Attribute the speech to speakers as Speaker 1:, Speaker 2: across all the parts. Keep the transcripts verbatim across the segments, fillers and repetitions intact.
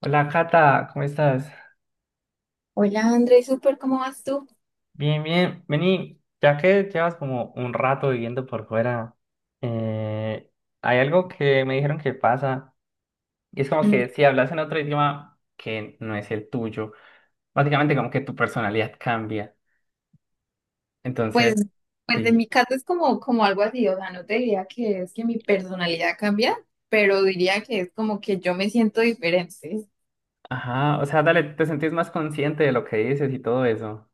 Speaker 1: Hola Cata, ¿cómo estás?
Speaker 2: Hola André, súper, ¿cómo vas tú?
Speaker 1: Bien, bien. Vení, ya que llevas como un rato viviendo por fuera, eh, hay algo que me dijeron que pasa y es como
Speaker 2: Mm,
Speaker 1: que si hablas en otro idioma que no es el tuyo, básicamente como que tu personalidad cambia.
Speaker 2: Pues,
Speaker 1: Entonces,
Speaker 2: pues en
Speaker 1: sí.
Speaker 2: mi caso es como, como algo así, o sea, no te diría que es que mi personalidad cambia, pero diría que es como que yo me siento diferente.
Speaker 1: Ajá, o sea, dale, te sentís más consciente de lo que dices y todo eso.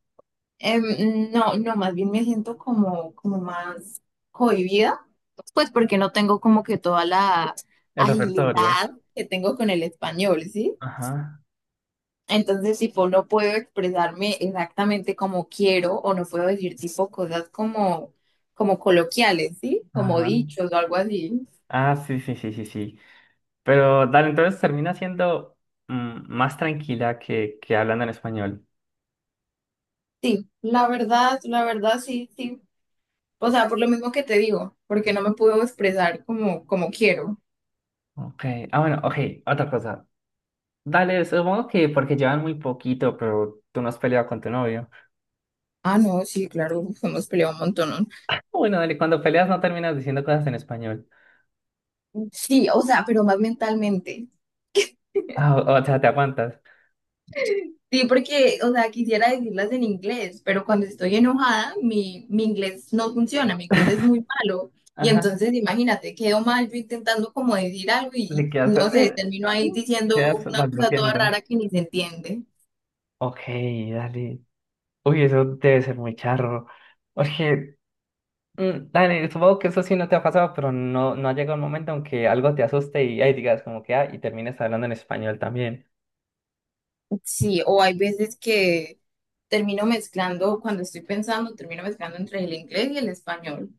Speaker 2: Em, no, no, más bien me siento como, como más cohibida, pues porque no tengo como que toda la
Speaker 1: El repertorio.
Speaker 2: agilidad que tengo con el español, ¿sí?
Speaker 1: Ajá,
Speaker 2: Entonces, tipo, no puedo expresarme exactamente como quiero o no puedo decir tipo cosas como, como, coloquiales, ¿sí? Como
Speaker 1: ajá.
Speaker 2: dichos o algo así.
Speaker 1: Ah, sí, sí, sí, sí, sí. Pero dale, entonces termina siendo mm, más tranquila que, que hablando en español.
Speaker 2: Sí, la verdad, la verdad, sí, sí. O sea, por lo mismo que te digo, porque no me puedo expresar como, como quiero.
Speaker 1: Ok, ah, bueno, ok, otra cosa. Dale, supongo que porque llevan muy poquito, pero tú no has peleado con tu novio.
Speaker 2: Ah, no, sí, claro, uf, hemos peleado un montón.
Speaker 1: Ah, bueno, dale, cuando peleas no terminas diciendo cosas en español.
Speaker 2: Sí, o sea, pero más mentalmente.
Speaker 1: Ah, o, o sea, te aguantas.
Speaker 2: Sí, porque, o sea, quisiera decirlas en inglés, pero cuando estoy enojada, mi, mi inglés no funciona, mi inglés es muy malo. Y
Speaker 1: Ajá,
Speaker 2: entonces, imagínate, quedo mal yo intentando como decir algo y,
Speaker 1: te
Speaker 2: y
Speaker 1: quedas,
Speaker 2: no sé,
Speaker 1: con-
Speaker 2: termino ahí diciendo
Speaker 1: quedas
Speaker 2: una cosa toda
Speaker 1: balbuceando.
Speaker 2: rara que ni se entiende.
Speaker 1: Ok, dale. Uy, eso debe ser muy charro. Oye, Mm, dale, supongo que eso sí no te ha pasado, pero no, no ha llegado el momento en que algo te asuste y ahí digas como que, ah, y termines hablando en español también.
Speaker 2: Sí, o hay veces que termino mezclando, cuando estoy pensando, termino mezclando entre el inglés y el español.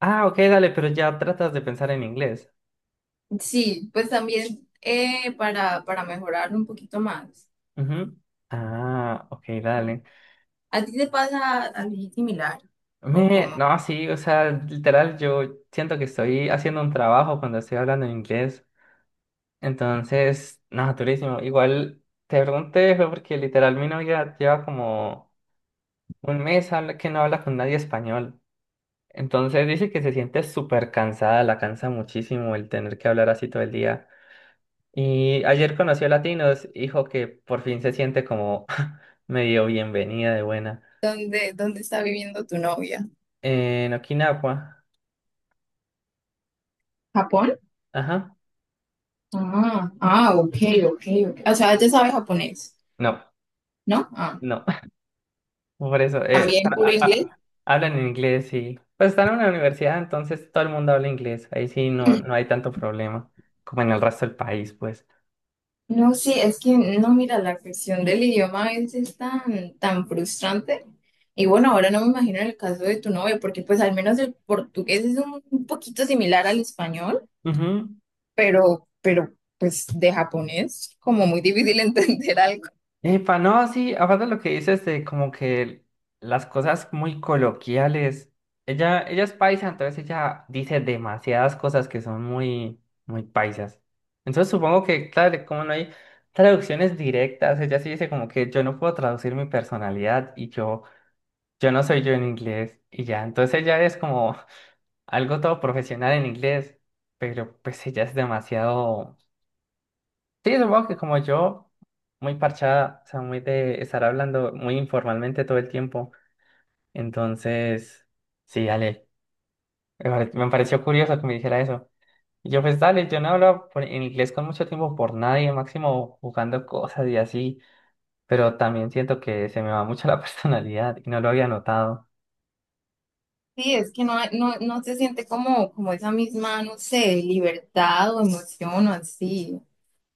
Speaker 1: Ah, ok, dale, pero ya tratas de pensar en inglés.
Speaker 2: Sí, pues también eh, para, para mejorar un poquito más.
Speaker 1: Ujú. Ah, ok, dale.
Speaker 2: ¿A ti te pasa algo similar? ¿O
Speaker 1: Me,
Speaker 2: cómo?
Speaker 1: no, sí, o sea, literal, yo siento que estoy haciendo un trabajo cuando estoy hablando en inglés. Entonces, no, durísimo. Igual te pregunté, fue porque literal mi novia lleva como un mes habla- que no habla con nadie español. Entonces dice que se siente súper cansada, la cansa muchísimo el tener que hablar así todo el día. Y ayer conoció a Latinos, dijo que por fin se siente como medio bienvenida de buena.
Speaker 2: ¿Dónde, dónde está viviendo tu novia?
Speaker 1: En Okinawa,
Speaker 2: ¿Japón?
Speaker 1: ajá,
Speaker 2: Ah, ah, ok, ok, ok. O sea, ella sabe japonés,
Speaker 1: no,
Speaker 2: ¿no? Ah,
Speaker 1: no, por eso, eh,
Speaker 2: también puro
Speaker 1: a- a-
Speaker 2: inglés.
Speaker 1: a- hablan en inglés y pues están en una universidad, entonces todo el mundo habla inglés, ahí sí no, no hay tanto problema, como en el resto del país, pues.
Speaker 2: No, sí, es que no, mira, la cuestión del idioma a veces es tan, tan frustrante. Y bueno, ahora no me imagino el caso de tu novio, porque pues al menos el portugués es un, un poquito similar al español,
Speaker 1: Ujú.
Speaker 2: pero, pero pues de japonés, como muy difícil entender algo.
Speaker 1: Epa, no, sí, aparte de lo que dices de como que las cosas muy coloquiales, ella, ella es paisa, entonces ella dice demasiadas cosas que son muy, muy paisas. Entonces supongo que, claro, como no hay traducciones directas, ella sí dice como que yo no puedo traducir mi personalidad y yo, yo no soy yo en inglés y ya, entonces ella es como algo todo profesional en inglés, pero pues ella es demasiado... Sí, supongo que como yo, muy parchada, o sea, muy de estar hablando muy informalmente todo el tiempo. Entonces, sí, dale. Me pare- me pareció curioso que me dijera eso. Y yo, pues dale, yo no hablo por- en inglés con mucho tiempo por nadie, máximo jugando cosas y así. Pero también siento que se me va mucho la personalidad y no lo había notado.
Speaker 2: Sí, es que no, hay- no, no se siente como, como, esa misma, no sé, libertad o emoción o así.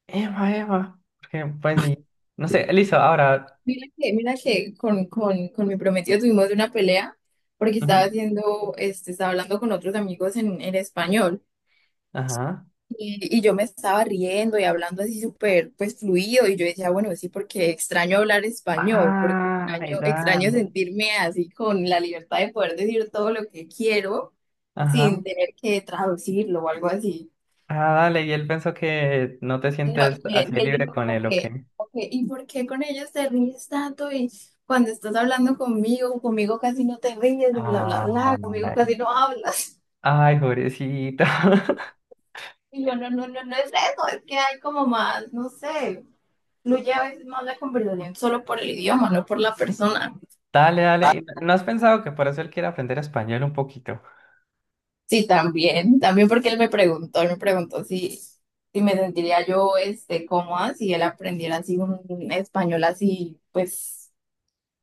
Speaker 1: Eva, Eva. Porque, pues, ni... no sé, listo, ahora.
Speaker 2: Mira que, mira que con, con, con mi prometido tuvimos una pelea porque estaba
Speaker 1: Ujú,
Speaker 2: haciendo, este, estaba hablando con otros amigos en, en español
Speaker 1: ajá.
Speaker 2: y, y yo me estaba riendo y hablando así súper, pues fluido y yo decía, bueno, sí, porque extraño hablar español, porque
Speaker 1: Ah,
Speaker 2: extraño,
Speaker 1: verdad.
Speaker 2: extraño sentirme así con la libertad de poder decir todo lo que quiero sin tener que traducirlo o algo así.
Speaker 1: Ah, dale, y él pensó que no te
Speaker 2: No,
Speaker 1: sientes
Speaker 2: y él,
Speaker 1: así de
Speaker 2: y él
Speaker 1: libre
Speaker 2: dijo
Speaker 1: con
Speaker 2: como
Speaker 1: él, ¿ok?
Speaker 2: que, ok, ¿y por qué con ellos te ríes tanto? Y cuando estás hablando conmigo, conmigo casi no te ríes, y bla, bla,
Speaker 1: Ah,
Speaker 2: bla, conmigo
Speaker 1: dale.
Speaker 2: casi no hablas.
Speaker 1: Ay, pobrecito.
Speaker 2: Y yo, no, no, no, no es eso, es que hay como más, no sé, fluye a veces más la conversación solo por el idioma, no por la persona.
Speaker 1: Dale, dale. ¿Y no no has pensado que por eso él quiere aprender español un poquito?
Speaker 2: Sí, también, también porque él me preguntó, él me preguntó si, si me sentiría yo, este, cómoda si él aprendiera así un español así, pues,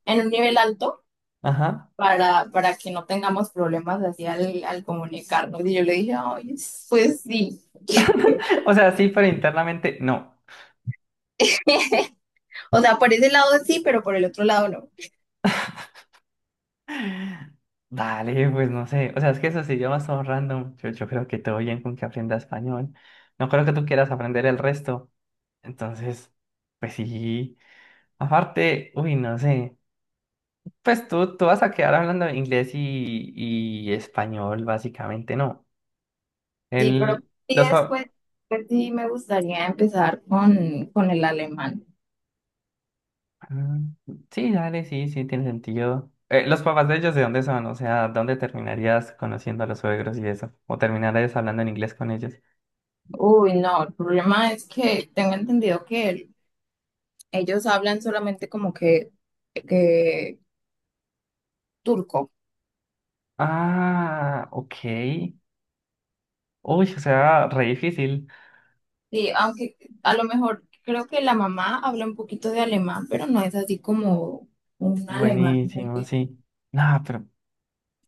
Speaker 2: en un nivel alto.
Speaker 1: Ajá.
Speaker 2: para, para que no tengamos problemas así al, al, comunicarnos. Y yo le dije, ay, pues sí.
Speaker 1: O sea, sí, pero internamente no.
Speaker 2: O sea, por ese lado sí, pero por el otro lado no.
Speaker 1: Dale, pues no sé. O sea, es que esos idiomas son random. Yo, yo creo que todo bien con que aprenda español. No creo que tú quieras aprender el resto. Entonces, pues sí. Aparte, uy, no sé. Pues tú, tú vas a quedar hablando inglés y, y español, básicamente, ¿no?
Speaker 2: Sí, pero
Speaker 1: El,
Speaker 2: sí
Speaker 1: los
Speaker 2: después,
Speaker 1: pa-
Speaker 2: pues sí, me gustaría empezar con, con, el alemán.
Speaker 1: Mm, Sí, dale, sí, sí, tiene sentido. Eh, ¿los papás de ellos de dónde son? O sea, ¿dónde terminarías conociendo a los suegros y eso? ¿O terminarías hablando en inglés con ellos?
Speaker 2: Uy, no, el problema es que tengo entendido que ellos hablan solamente como que, que turco.
Speaker 1: Ah, ok. Uy, o sea, re difícil.
Speaker 2: Sí, aunque a lo mejor creo que la mamá habla un poquito de alemán, pero no es así como un alemán.
Speaker 1: Buenísimo, sí. No, pero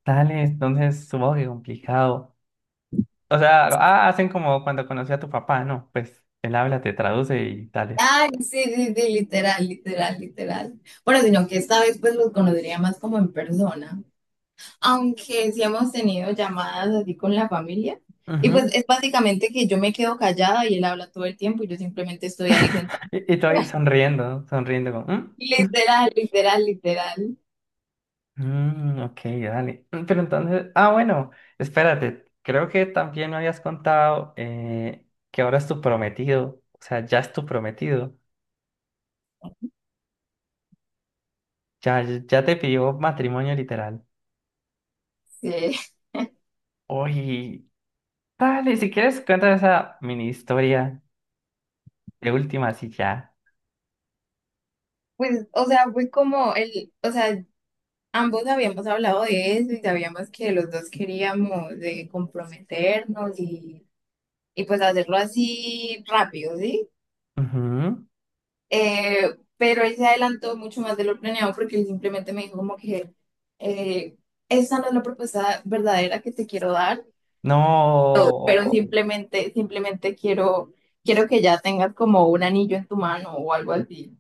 Speaker 1: dale, entonces supongo que complicado. O sea, ah, hacen como cuando conocí a tu papá, ¿no? Pues él habla, te traduce y tal.
Speaker 2: Ay, sí, sí, sí, literal, literal, literal. Bueno, sino que esta vez pues los conocería más como en persona, aunque sí hemos tenido llamadas así con la familia. Y pues
Speaker 1: Ujú.
Speaker 2: es básicamente que yo me quedo callada y él habla todo el tiempo y yo simplemente estoy ahí sentada.
Speaker 1: Y, y tú ahí sonriendo, sonriendo como, "Mm,
Speaker 2: Literal, literal, literal.
Speaker 1: mm, ok, dale." Mm, Pero entonces, ah, bueno, espérate, creo que también me habías contado eh, que ahora es tu prometido, o sea, ya es tu prometido, ya, ya te pidió matrimonio literal.
Speaker 2: Sí.
Speaker 1: Oye, dale, si quieres, cuéntame esa mini historia de última, así ya.
Speaker 2: Pues, o sea, fue como el, o sea, ambos habíamos hablado de eso y sabíamos que los dos queríamos de comprometernos y, y pues hacerlo así rápido, ¿sí?
Speaker 1: Ujú.
Speaker 2: Eh, pero él se adelantó mucho más de lo planeado porque él simplemente me dijo como que eh, esa no es la propuesta verdadera que te quiero dar, pero
Speaker 1: No.
Speaker 2: simplemente, simplemente quiero, quiero que ya tengas como un anillo en tu mano o algo así.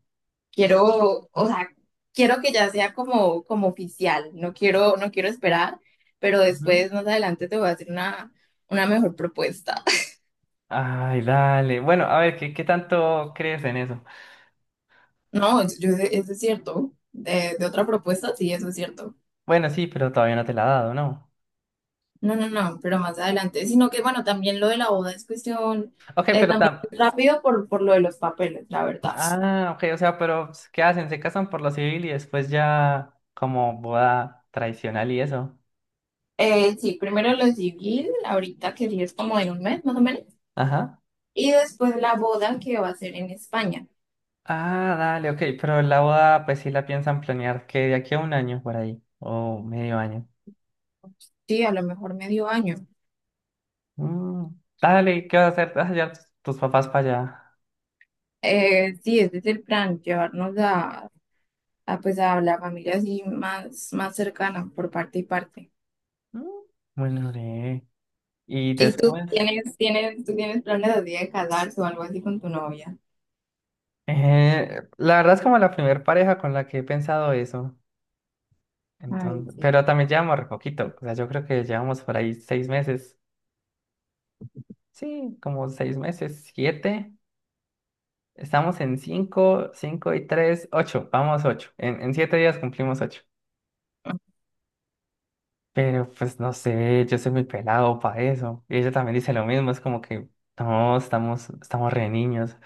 Speaker 2: Quiero, o sea, quiero que ya sea como, como oficial. No quiero, no quiero esperar, pero
Speaker 1: Ujú.
Speaker 2: después más adelante te voy a hacer una, una mejor propuesta.
Speaker 1: Ay, dale. Bueno, a ver, ¿qué, qué tanto crees en eso?
Speaker 2: No, yo- eso es cierto. De, de otra propuesta, sí, eso es cierto.
Speaker 1: Bueno, sí, pero todavía no te la ha dado, ¿no?
Speaker 2: No, no, no, pero más adelante, sino que bueno, también lo de la boda es cuestión,
Speaker 1: Ok,
Speaker 2: eh,
Speaker 1: pero
Speaker 2: también
Speaker 1: tam...
Speaker 2: rápido por, por lo de los papeles, la verdad.
Speaker 1: Ah, ok, o sea, pero pues, ¿qué hacen? Se casan por lo civil y después ya como boda tradicional y eso.
Speaker 2: Eh, sí, primero lo civil, ahorita que sí es como en un mes más o menos,
Speaker 1: Ajá.
Speaker 2: y después la boda que va a ser en España,
Speaker 1: Ah, dale, ok, pero la boda pues sí la piensan planear que de aquí a un año por ahí, o medio año.
Speaker 2: sí, a lo mejor medio año.
Speaker 1: Mm, dale, ¿y qué vas a hacer? ¿Vas a llevar tus, tus papás para allá?
Speaker 2: Eh, sí, ese es el plan, llevarnos a, a, pues a la familia así más, más cercana por parte y parte.
Speaker 1: Mm, bueno, re. Y
Speaker 2: ¿Y tú
Speaker 1: después,
Speaker 2: tienes, tienes, tú tienes planes así de casarse o algo así con tu novia?
Speaker 1: eh, la verdad es como la primer pareja con la que he pensado eso.
Speaker 2: Ay,
Speaker 1: Entonces,
Speaker 2: sí.
Speaker 1: pero también llevamos re poquito, o sea, yo creo que llevamos por ahí seis meses. Sí, como seis meses, siete. Estamos en cinco, cinco y tres, ocho. Vamos ocho. En, en siete días cumplimos ocho. Pero pues no sé, yo soy muy pelado para eso. Y ella también dice lo mismo, es como que no, estamos, estamos re niños.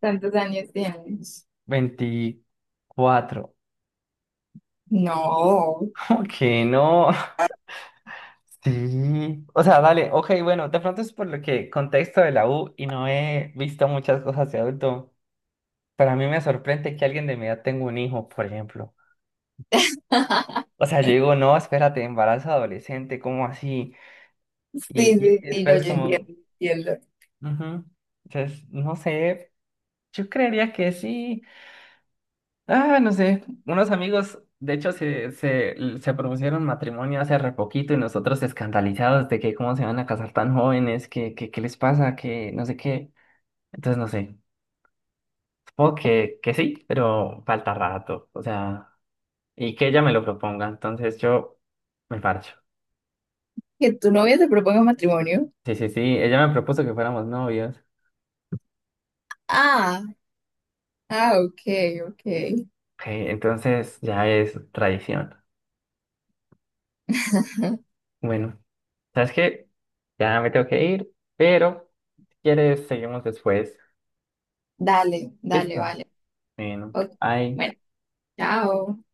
Speaker 2: ¿Cuántos años tienes?
Speaker 1: Veinticuatro.
Speaker 2: No.
Speaker 1: Como que no. Sí. O sea, dale, ok, bueno, de pronto es por lo que contexto de la U y no he visto muchas cosas de adulto. Para mí me sorprende que alguien de mi edad tenga un hijo, por ejemplo. O sea, yo digo, no, espérate, embarazo adolescente, ¿cómo así? Y,
Speaker 2: Sí, sí,
Speaker 1: y
Speaker 2: sí, no,
Speaker 1: después es
Speaker 2: yo
Speaker 1: como,
Speaker 2: entiendo, entiendo.
Speaker 1: ujú. Entonces, no sé, yo creería que sí. Ah, no sé, unos amigos, de hecho, se, se, se propusieron matrimonio hace re poquito y nosotros escandalizados de que cómo se van a casar tan jóvenes, que, que, qué les pasa, que no sé qué. Entonces, no sé, supongo que, que sí, pero falta rato, o sea, y que ella me lo proponga, entonces yo me parcho.
Speaker 2: Que tu novia te proponga matrimonio.
Speaker 1: Sí, sí, sí, ella me propuso que fuéramos novios.
Speaker 2: Ah, ah, ok, ok.
Speaker 1: Ok, entonces ya es tradición. Bueno, ¿sabes qué? Ya me tengo que ir, pero si quieres, seguimos después.
Speaker 2: Dale, dale,
Speaker 1: Listo.
Speaker 2: vale.
Speaker 1: Bueno,
Speaker 2: Ok,
Speaker 1: bye.
Speaker 2: Bueno, chao.